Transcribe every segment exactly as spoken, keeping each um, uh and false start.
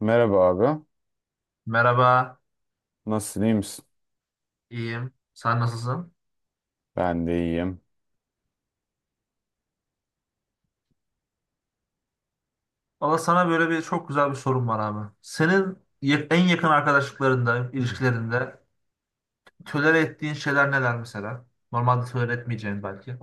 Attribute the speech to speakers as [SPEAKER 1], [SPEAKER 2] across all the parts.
[SPEAKER 1] Merhaba abi.
[SPEAKER 2] Merhaba,
[SPEAKER 1] Nasılsın, iyi misin?
[SPEAKER 2] iyiyim. Sen nasılsın?
[SPEAKER 1] Ben de iyiyim.
[SPEAKER 2] Valla sana böyle bir çok güzel bir sorum var abi. Senin ya- en yakın arkadaşlıklarında, ilişkilerinde tolere ettiğin şeyler neler mesela? Normalde tolere etmeyeceğin belki.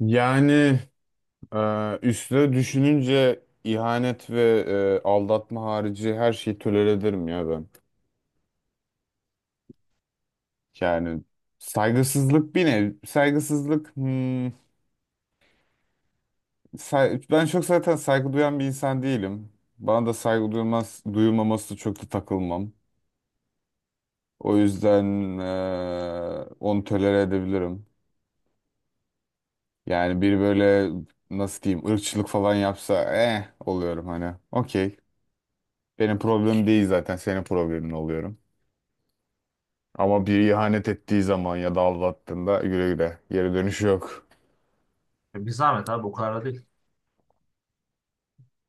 [SPEAKER 1] Yani e, üstüne düşününce ihanet ve e, aldatma harici her şeyi tolere ederim ya ben. Yani saygısızlık bir nev. Saygısızlık hmm, say- ben çok zaten saygı duyan bir insan değilim. Bana da saygı duyulmaz, duyulmaması çok da takılmam. O yüzden e, onu tolere edebilirim. Yani bir böyle nasıl diyeyim ırkçılık falan yapsa eh oluyorum hani. Okey. Benim problemim değil, zaten senin problemin oluyorum. Ama bir ihanet ettiği zaman ya da aldattığında güle güle, geri dönüşü yok.
[SPEAKER 2] Ya bir zahmet abi, o kadar da değil.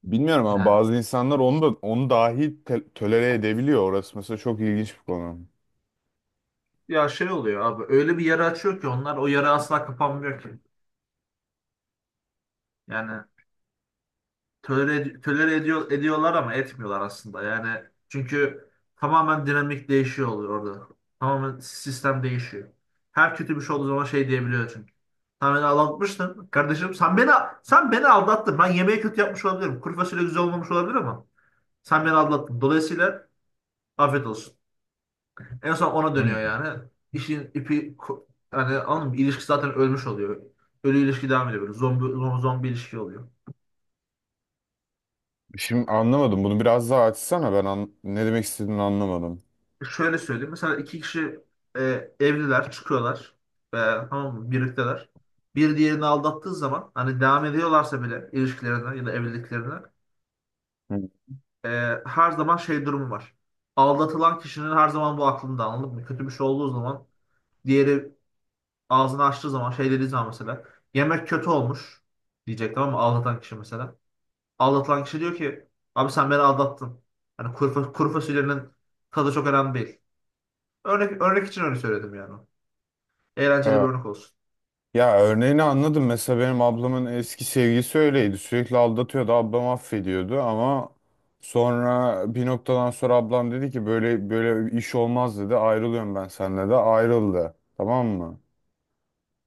[SPEAKER 1] Bilmiyorum ama
[SPEAKER 2] Yani
[SPEAKER 1] bazı insanlar onu da, onu dahi te- tolere edebiliyor. Orası mesela çok ilginç bir konu.
[SPEAKER 2] ya şey oluyor abi, öyle bir yara açıyor ki onlar, o yara asla kapanmıyor ki. Yani tolere, tolere ediyor, ediyorlar ama etmiyorlar aslında. Yani çünkü tamamen dinamik değişiyor oluyor orada. Tamamen sistem değişiyor. Her kötü bir şey olduğu zaman şey diyebiliyor çünkü. Sen beni aldatmıştın. Kardeşim sen beni sen beni aldattın. Ben yemeği kötü yapmış olabilirim. Kuru fasulye güzel olmamış olabilir ama sen beni aldattın. Dolayısıyla afiyet olsun. En son ona dönüyor
[SPEAKER 1] Hmm.
[SPEAKER 2] yani. İşin ipi ko- yani anladın mı? İlişki zaten ölmüş oluyor. Ölü ilişki devam ediyor böyle. Zombi, zombi ilişki oluyor.
[SPEAKER 1] Şimdi anlamadım. Bunu biraz daha açsana. Ben an- ne demek istediğini anlamadım.
[SPEAKER 2] Şöyle söyleyeyim. Mesela iki kişi e, evliler, çıkıyorlar. E, tamam mı? Birlikteler. Bir diğerini aldattığı zaman hani devam ediyorlarsa bile ilişkilerine ya da evliliklerine e, her zaman şey durumu var. Aldatılan kişinin her zaman bu aklında, anladın mı? Kötü bir şey olduğu zaman diğeri ağzını açtığı zaman şey dediği zaman mesela yemek kötü olmuş diyecek, tamam mı? Aldatan kişi mesela. Aldatılan kişi diyor ki abi sen beni aldattın. Hani kuru, fa- kuru fasulyenin tadı çok önemli değil. Örnek, örnek için öyle söyledim yani. Eğlenceli bir
[SPEAKER 1] Hmm.
[SPEAKER 2] örnek olsun.
[SPEAKER 1] Ya örneğini anladım. Mesela benim ablamın eski sevgilisi öyleydi. Sürekli aldatıyordu. Ablam affediyordu ama sonra bir noktadan sonra ablam dedi ki böyle böyle iş olmaz dedi. Ayrılıyorum ben seninle de. Ayrıldı. Tamam mı?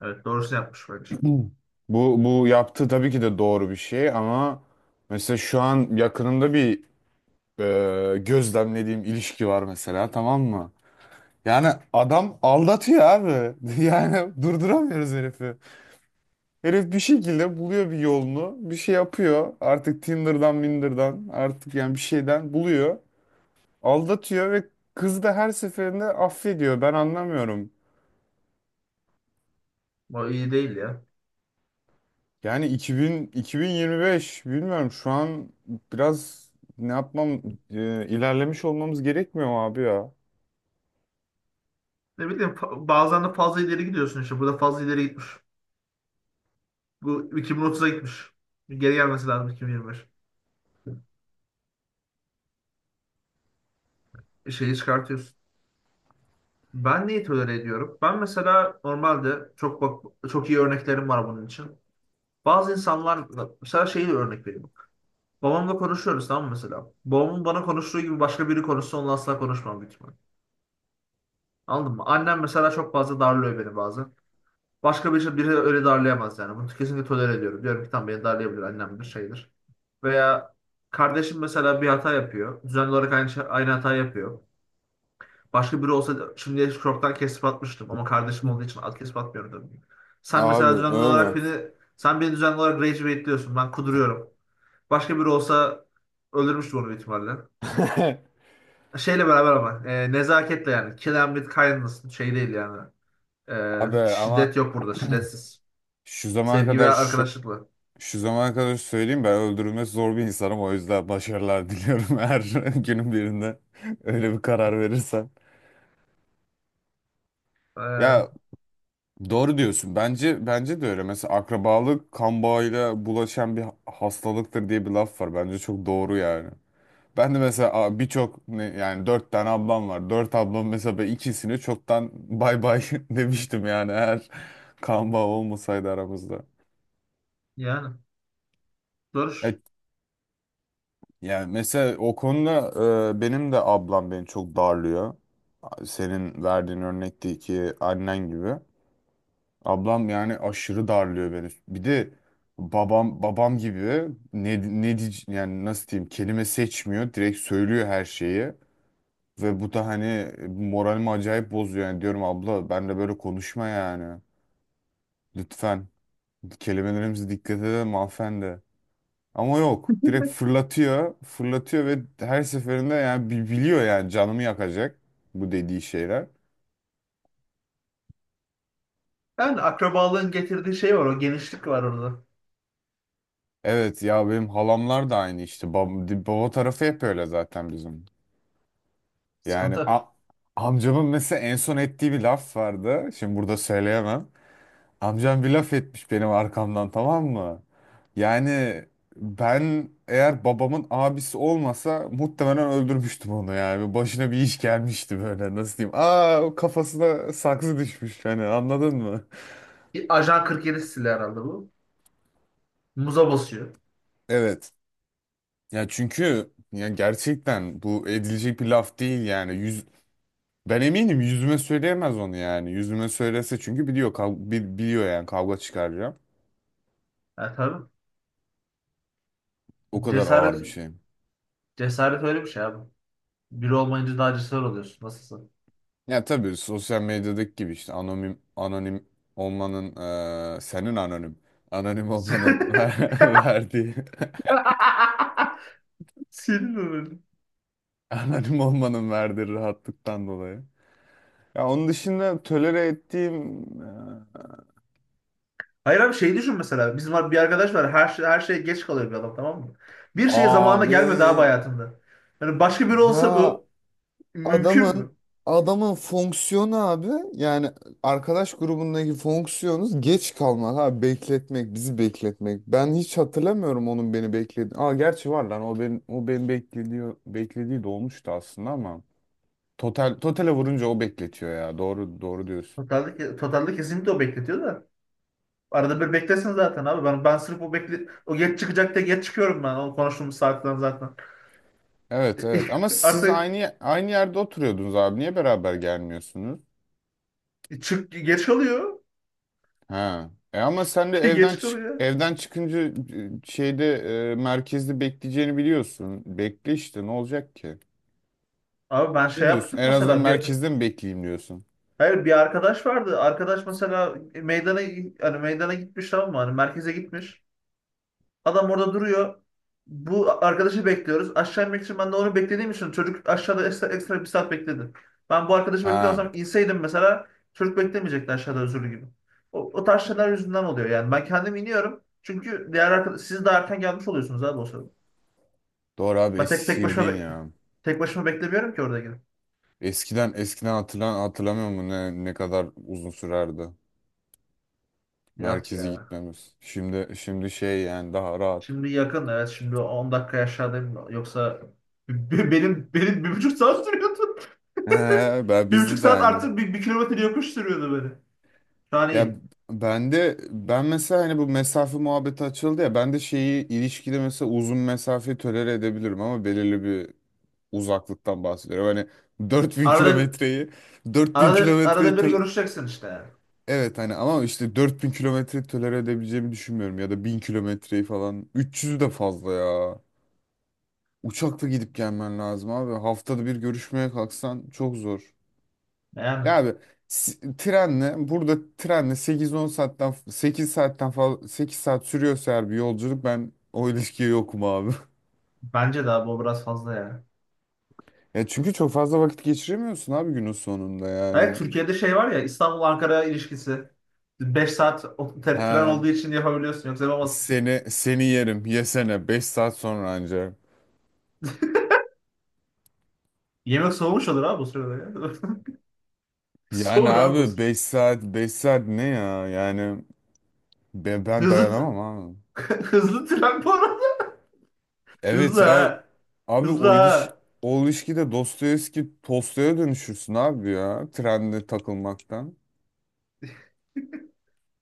[SPEAKER 2] Evet, doğrusunu yapmış bence.
[SPEAKER 1] Bu bu yaptığı tabii ki de doğru bir şey ama mesela şu an yakınımda bir e, gözlemlediğim ilişki var mesela, tamam mı? Yani adam aldatıyor abi. Yani durduramıyoruz herifi. Herif bir şekilde buluyor bir yolunu. Bir şey yapıyor. Artık Tinder'dan, Minder'dan, artık yani bir şeyden buluyor. Aldatıyor ve kız da her seferinde affediyor. Ben anlamıyorum.
[SPEAKER 2] Bu iyi değil ya.
[SPEAKER 1] Yani iki bin, iki bin yirmi beş, bilmiyorum şu an biraz ne yapmam e, ilerlemiş olmamız gerekmiyor mu abi ya?
[SPEAKER 2] Ne bileyim fa- bazen de fazla ileri gidiyorsun işte. Burada fazla ileri gitmiş. Bu iki bin otuza gitmiş. Geri gelmesi lazım iki bin yirmi beş. Şeyi çıkartıyorsun. Ben neyi tolere ediyorum? Ben mesela normalde çok bak- çok iyi örneklerim var bunun için. Bazı insanlar, mesela şeyi de örnek vereyim. Babamla konuşuyoruz, tamam mı mesela? Babamın bana konuştuğu gibi başka biri konuşsa onunla asla konuşmam büyük ihtimal. Anladın mı? Annem mesela çok fazla darlıyor beni bazen. Başka bir şey, biri öyle darlayamaz yani. Bunu kesinlikle tolere ediyorum. Diyorum ki tamam, beni darlayabilir, annemdir şeydir. Veya kardeşim mesela bir hata yapıyor. Düzenli olarak aynı, şey- aynı hata yapıyor. Başka biri olsa şimdi çoktan kesip atmıştım ama kardeşim
[SPEAKER 1] Hı.
[SPEAKER 2] olduğu için at kesip atmıyorum tabii. ki. Sen mesela
[SPEAKER 1] Abi
[SPEAKER 2] düzenli
[SPEAKER 1] öyle.
[SPEAKER 2] olarak beni sen beni düzenli olarak rage baitliyorsun. Ben kuduruyorum. Başka biri olsa öldürmüştüm onu büyük ihtimalle. Şeyle beraber ama e, nezaketle yani. Kill them with kindness şey değil yani.
[SPEAKER 1] Abi
[SPEAKER 2] E, şiddet
[SPEAKER 1] ama
[SPEAKER 2] yok burada, şiddetsiz.
[SPEAKER 1] şu zamana
[SPEAKER 2] Sevgi ve
[SPEAKER 1] kadar şu,
[SPEAKER 2] arkadaşlıkla.
[SPEAKER 1] şu zamana kadar söyleyeyim, ben öldürülmesi zor bir insanım, o yüzden başarılar diliyorum eğer günün birinde öyle bir karar verirsen. Ya
[SPEAKER 2] Ee,
[SPEAKER 1] doğru diyorsun, bence bence de öyle. Mesela akrabalık kan bağıyla bulaşan bir hastalıktır diye bir laf var, bence çok doğru yani. Ben de mesela a, birçok ne- yani dört tane ablam var, dört ablam mesela, ben ikisini çoktan bay bay demiştim yani eğer kan bağı olmasaydı aramızda.
[SPEAKER 2] yani dur.
[SPEAKER 1] Yani mesela o konuda e, benim de ablam beni çok darlıyor. Senin verdiğin örnekteki annen gibi. Ablam yani aşırı darlıyor beni. Bir de babam babam gibi ne ne diye- yani nasıl diyeyim, kelime seçmiyor. Direkt söylüyor her şeyi ve bu da hani moralimi acayip bozuyor. Yani diyorum, abla ben de böyle konuşma yani. Lütfen kelimelerimize dikkat edelim hanımefendi. Ama yok. Direkt fırlatıyor. Fırlatıyor ve her seferinde yani bi- biliyor yani canımı yakacak bu dediği şeyler.
[SPEAKER 2] Yani akrabalığın getirdiği şey var. O genişlik var orada.
[SPEAKER 1] Evet ya, benim halamlar da aynı işte. Bab di- baba tarafı hep öyle zaten bizim. Yani
[SPEAKER 2] Sıkıntı.
[SPEAKER 1] a- amcamın mesela en son ettiği bir laf vardı. Şimdi burada söyleyemem. Amcam bir laf etmiş benim arkamdan, tamam mı? Yani ben, eğer babamın abisi olmasa, muhtemelen öldürmüştüm onu yani. Başına bir iş gelmişti böyle, nasıl diyeyim, Aa o kafasına saksı düşmüş, hani anladın mı?
[SPEAKER 2] Bir Ajan kırk yedi stili herhalde bu. Muza basıyor.
[SPEAKER 1] Evet. Ya çünkü ya, gerçekten bu edilecek bir laf değil yani. Yüz, ben eminim yüzüme söyleyemez onu yani. Yüzüme söylese, çünkü biliyor kav- bi- biliyor yani kavga çıkaracağım.
[SPEAKER 2] Yani tabii.
[SPEAKER 1] O kadar
[SPEAKER 2] Cesaret
[SPEAKER 1] ağır bir şey.
[SPEAKER 2] cesaret öyle bir şey abi. Biri olmayınca daha cesaret oluyorsun. Nasılsın?
[SPEAKER 1] Ya tabii sosyal medyadaki gibi işte, anonim anonim olmanın eee, senin anonim anonim olmanın ver verdiği,
[SPEAKER 2] Senin öyle.
[SPEAKER 1] anonim olmanın verdiği rahatlıktan dolayı. Ya onun dışında tolere ettiğim eee,
[SPEAKER 2] Hayır abi, şey düşün mesela. Bizim bir arkadaş var. Her, şey, her şeye geç kalıyor bir adam, tamam mı? Bir şeye zamanında
[SPEAKER 1] abi,
[SPEAKER 2] gelmedi abi hayatında. Yani başka biri olsa
[SPEAKER 1] ya
[SPEAKER 2] bu mümkün
[SPEAKER 1] Adamın
[SPEAKER 2] mü?
[SPEAKER 1] adamın fonksiyonu abi, yani arkadaş grubundaki fonksiyonuz geç kalmak abi, bekletmek, bizi bekletmek. Ben hiç hatırlamıyorum onun beni bekledi. Aa gerçi var lan, o benim o beni beklediği beklediği de olmuştu aslında ama total totale vurunca o bekletiyor ya. Doğru doğru diyorsun.
[SPEAKER 2] Totalde, totalde kesinlikle o bekletiyor da. Arada bir beklesin zaten abi. Ben ben sırf o bekle o geç çıkacak diye geç çıkıyorum ben. O konuştuğumuz saatten zaten.
[SPEAKER 1] Evet evet, ama siz
[SPEAKER 2] Artık
[SPEAKER 1] aynı aynı yerde oturuyordunuz abi. Niye beraber gelmiyorsunuz?
[SPEAKER 2] çık geç kalıyor.
[SPEAKER 1] Ha. E ama sen de evden
[SPEAKER 2] Geç
[SPEAKER 1] çık
[SPEAKER 2] kalıyor.
[SPEAKER 1] evden çıkınca e, şeyde e, merkezde bekleyeceğini biliyorsun. Bekle işte, ne olacak ki?
[SPEAKER 2] Abi ben
[SPEAKER 1] Ne
[SPEAKER 2] şey
[SPEAKER 1] diyorsun?
[SPEAKER 2] yaptık
[SPEAKER 1] En azından
[SPEAKER 2] mesela bir
[SPEAKER 1] merkezde mi bekleyeyim diyorsun?
[SPEAKER 2] hayır, bir arkadaş vardı. Arkadaş mesela meydana hani meydana gitmiş, tamam mı? Hani merkeze gitmiş. Adam orada duruyor. Bu arkadaşı bekliyoruz. Aşağı inmek için ben de onu beklediğim için çocuk aşağıda ekstra, ekstra bir saat bekledi. Ben bu arkadaşı
[SPEAKER 1] Ha.
[SPEAKER 2] bekliyorsam inseydim mesela çocuk beklemeyecekti aşağıda özürlü gibi. O, o tarz şeyler yüzünden oluyor yani. Ben kendim iniyorum. Çünkü diğer arkadaş, siz daha erken gelmiş oluyorsunuz abi o sırada.
[SPEAKER 1] Doğru abi,
[SPEAKER 2] Ben
[SPEAKER 1] eski
[SPEAKER 2] tek tek başıma
[SPEAKER 1] sevdiğin
[SPEAKER 2] be-
[SPEAKER 1] ya.
[SPEAKER 2] tek başıma beklemiyorum ki orada gidip.
[SPEAKER 1] Eskiden eskiden hatırlan hatırlamıyor musun ne ne kadar uzun sürerdi
[SPEAKER 2] Yok
[SPEAKER 1] merkeze
[SPEAKER 2] ya.
[SPEAKER 1] gitmemiz. Şimdi şimdi şey yani, daha rahat.
[SPEAKER 2] Şimdi yakın, evet, şimdi on dakika aşağıdayım, yoksa be- benim benim bir buçuk saat sürüyordu.
[SPEAKER 1] He, ben
[SPEAKER 2] Bir buçuk
[SPEAKER 1] bizde de
[SPEAKER 2] saat
[SPEAKER 1] aynı.
[SPEAKER 2] artık bir, bir kilometre yokuş sürüyordu beni. Şu an
[SPEAKER 1] Ya
[SPEAKER 2] iyi.
[SPEAKER 1] ben de ben mesela, hani bu mesafe muhabbeti açıldı ya, ben de şeyi ilişkide mesela uzun mesafeyi tolere edebilirim ama belirli bir uzaklıktan bahsediyorum. Hani dört bin
[SPEAKER 2] Arada
[SPEAKER 1] kilometreyi dört bin
[SPEAKER 2] arada
[SPEAKER 1] kilometreyi
[SPEAKER 2] arada bir
[SPEAKER 1] tol-
[SPEAKER 2] görüşeceksin işte.
[SPEAKER 1] evet, hani ama işte dört bin kilometreyi tolere edebileceğimi düşünmüyorum, ya da bin kilometreyi falan, üç yüzü de fazla ya. Uçakla gidip gelmen lazım abi. Haftada bir görüşmeye kalksan çok zor. Ya
[SPEAKER 2] Yani
[SPEAKER 1] abi s- trenle, burada trenle sekiz on saatten sekiz saatten fazla, sekiz saat sürüyorsa eğer bir yolculuk, ben o ilişkiye yokum abi.
[SPEAKER 2] bence daha bu biraz fazla ya.
[SPEAKER 1] Ya çünkü çok fazla vakit geçiremiyorsun abi günün sonunda
[SPEAKER 2] Evet,
[SPEAKER 1] yani.
[SPEAKER 2] Türkiye'de şey var ya, İstanbul-Ankara ilişkisi. Beş saat o- te- tren
[SPEAKER 1] Ha,
[SPEAKER 2] olduğu için yapabiliyorsun, yoksa yapamazsın.
[SPEAKER 1] seni seni yerim yesene beş saat sonra ancak.
[SPEAKER 2] Yemek soğumuş olur abi bu sırada ya.
[SPEAKER 1] Yani
[SPEAKER 2] Soğur abi bu
[SPEAKER 1] abi,
[SPEAKER 2] sırada.
[SPEAKER 1] beş saat beş saat ne ya yani, ben, ben
[SPEAKER 2] Hızlı,
[SPEAKER 1] dayanamam abi.
[SPEAKER 2] hızlı tren bu arada.
[SPEAKER 1] Evet
[SPEAKER 2] Hızlı
[SPEAKER 1] ya
[SPEAKER 2] ha.
[SPEAKER 1] abi,
[SPEAKER 2] Hızlı
[SPEAKER 1] o iliş
[SPEAKER 2] ha.
[SPEAKER 1] o ilişkide Dostoyevski Tolstoy'a dönüşürsün abi ya, trende takılmaktan.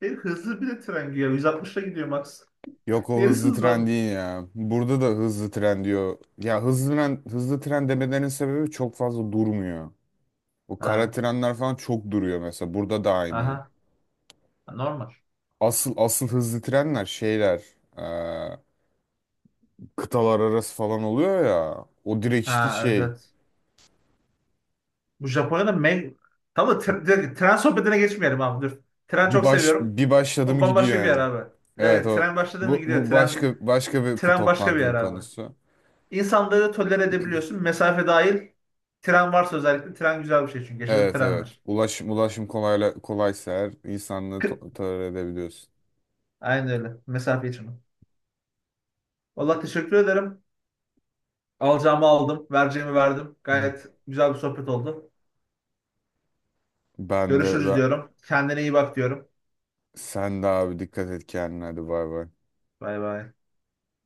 [SPEAKER 2] Bir hızlı bir de tren gidiyor. yüz altmışla gidiyor Max.
[SPEAKER 1] Yok, o
[SPEAKER 2] Neresi
[SPEAKER 1] hızlı
[SPEAKER 2] hızlı abi?
[SPEAKER 1] tren değil ya. Burada da hızlı tren diyor. Ya hızlı tren, hızlı tren demelerinin sebebi, çok fazla durmuyor. O kara
[SPEAKER 2] Ha.
[SPEAKER 1] trenler falan çok duruyor mesela. Burada da aynı.
[SPEAKER 2] Aha. Normal.
[SPEAKER 1] Asıl asıl hızlı trenler şeyler, eee, kıtalar arası falan oluyor ya. O direkt işte
[SPEAKER 2] Ha, evet
[SPEAKER 1] şey.
[SPEAKER 2] evet. Bu Japonya'da me tamam tren, direkt tren sohbetine geçmeyelim abi dur. Tren
[SPEAKER 1] Bir
[SPEAKER 2] çok
[SPEAKER 1] baş
[SPEAKER 2] seviyorum.
[SPEAKER 1] bir başladı
[SPEAKER 2] O
[SPEAKER 1] mı gidiyor
[SPEAKER 2] bambaşka bir
[SPEAKER 1] yani.
[SPEAKER 2] yer abi.
[SPEAKER 1] Evet
[SPEAKER 2] Evet,
[SPEAKER 1] o,
[SPEAKER 2] tren başladı mı
[SPEAKER 1] bu,
[SPEAKER 2] gidiyor.
[SPEAKER 1] bu
[SPEAKER 2] Tren
[SPEAKER 1] başka, başka bir, bu
[SPEAKER 2] tren başka bir
[SPEAKER 1] toplantının
[SPEAKER 2] yer abi.
[SPEAKER 1] konusu.
[SPEAKER 2] İnsanları tolere edebiliyorsun. Mesafe dahil tren varsa, özellikle tren, güzel bir şey çünkü. Yaşasın
[SPEAKER 1] Evet evet.
[SPEAKER 2] trenler.
[SPEAKER 1] Ulaşım ulaşım kolayla kolaysa eğer, insanlığı
[SPEAKER 2] Kı-
[SPEAKER 1] to- tolere edebiliyorsun.
[SPEAKER 2] aynen öyle. Mesafe için. Valla teşekkür ederim. Alacağımı aldım. Vereceğimi verdim. Gayet güzel bir sohbet oldu.
[SPEAKER 1] Ben de
[SPEAKER 2] Görüşürüz
[SPEAKER 1] ben,
[SPEAKER 2] diyorum. Kendine iyi bak diyorum.
[SPEAKER 1] Sen de abi, dikkat et kendine, hadi bay bay.
[SPEAKER 2] Bay bay.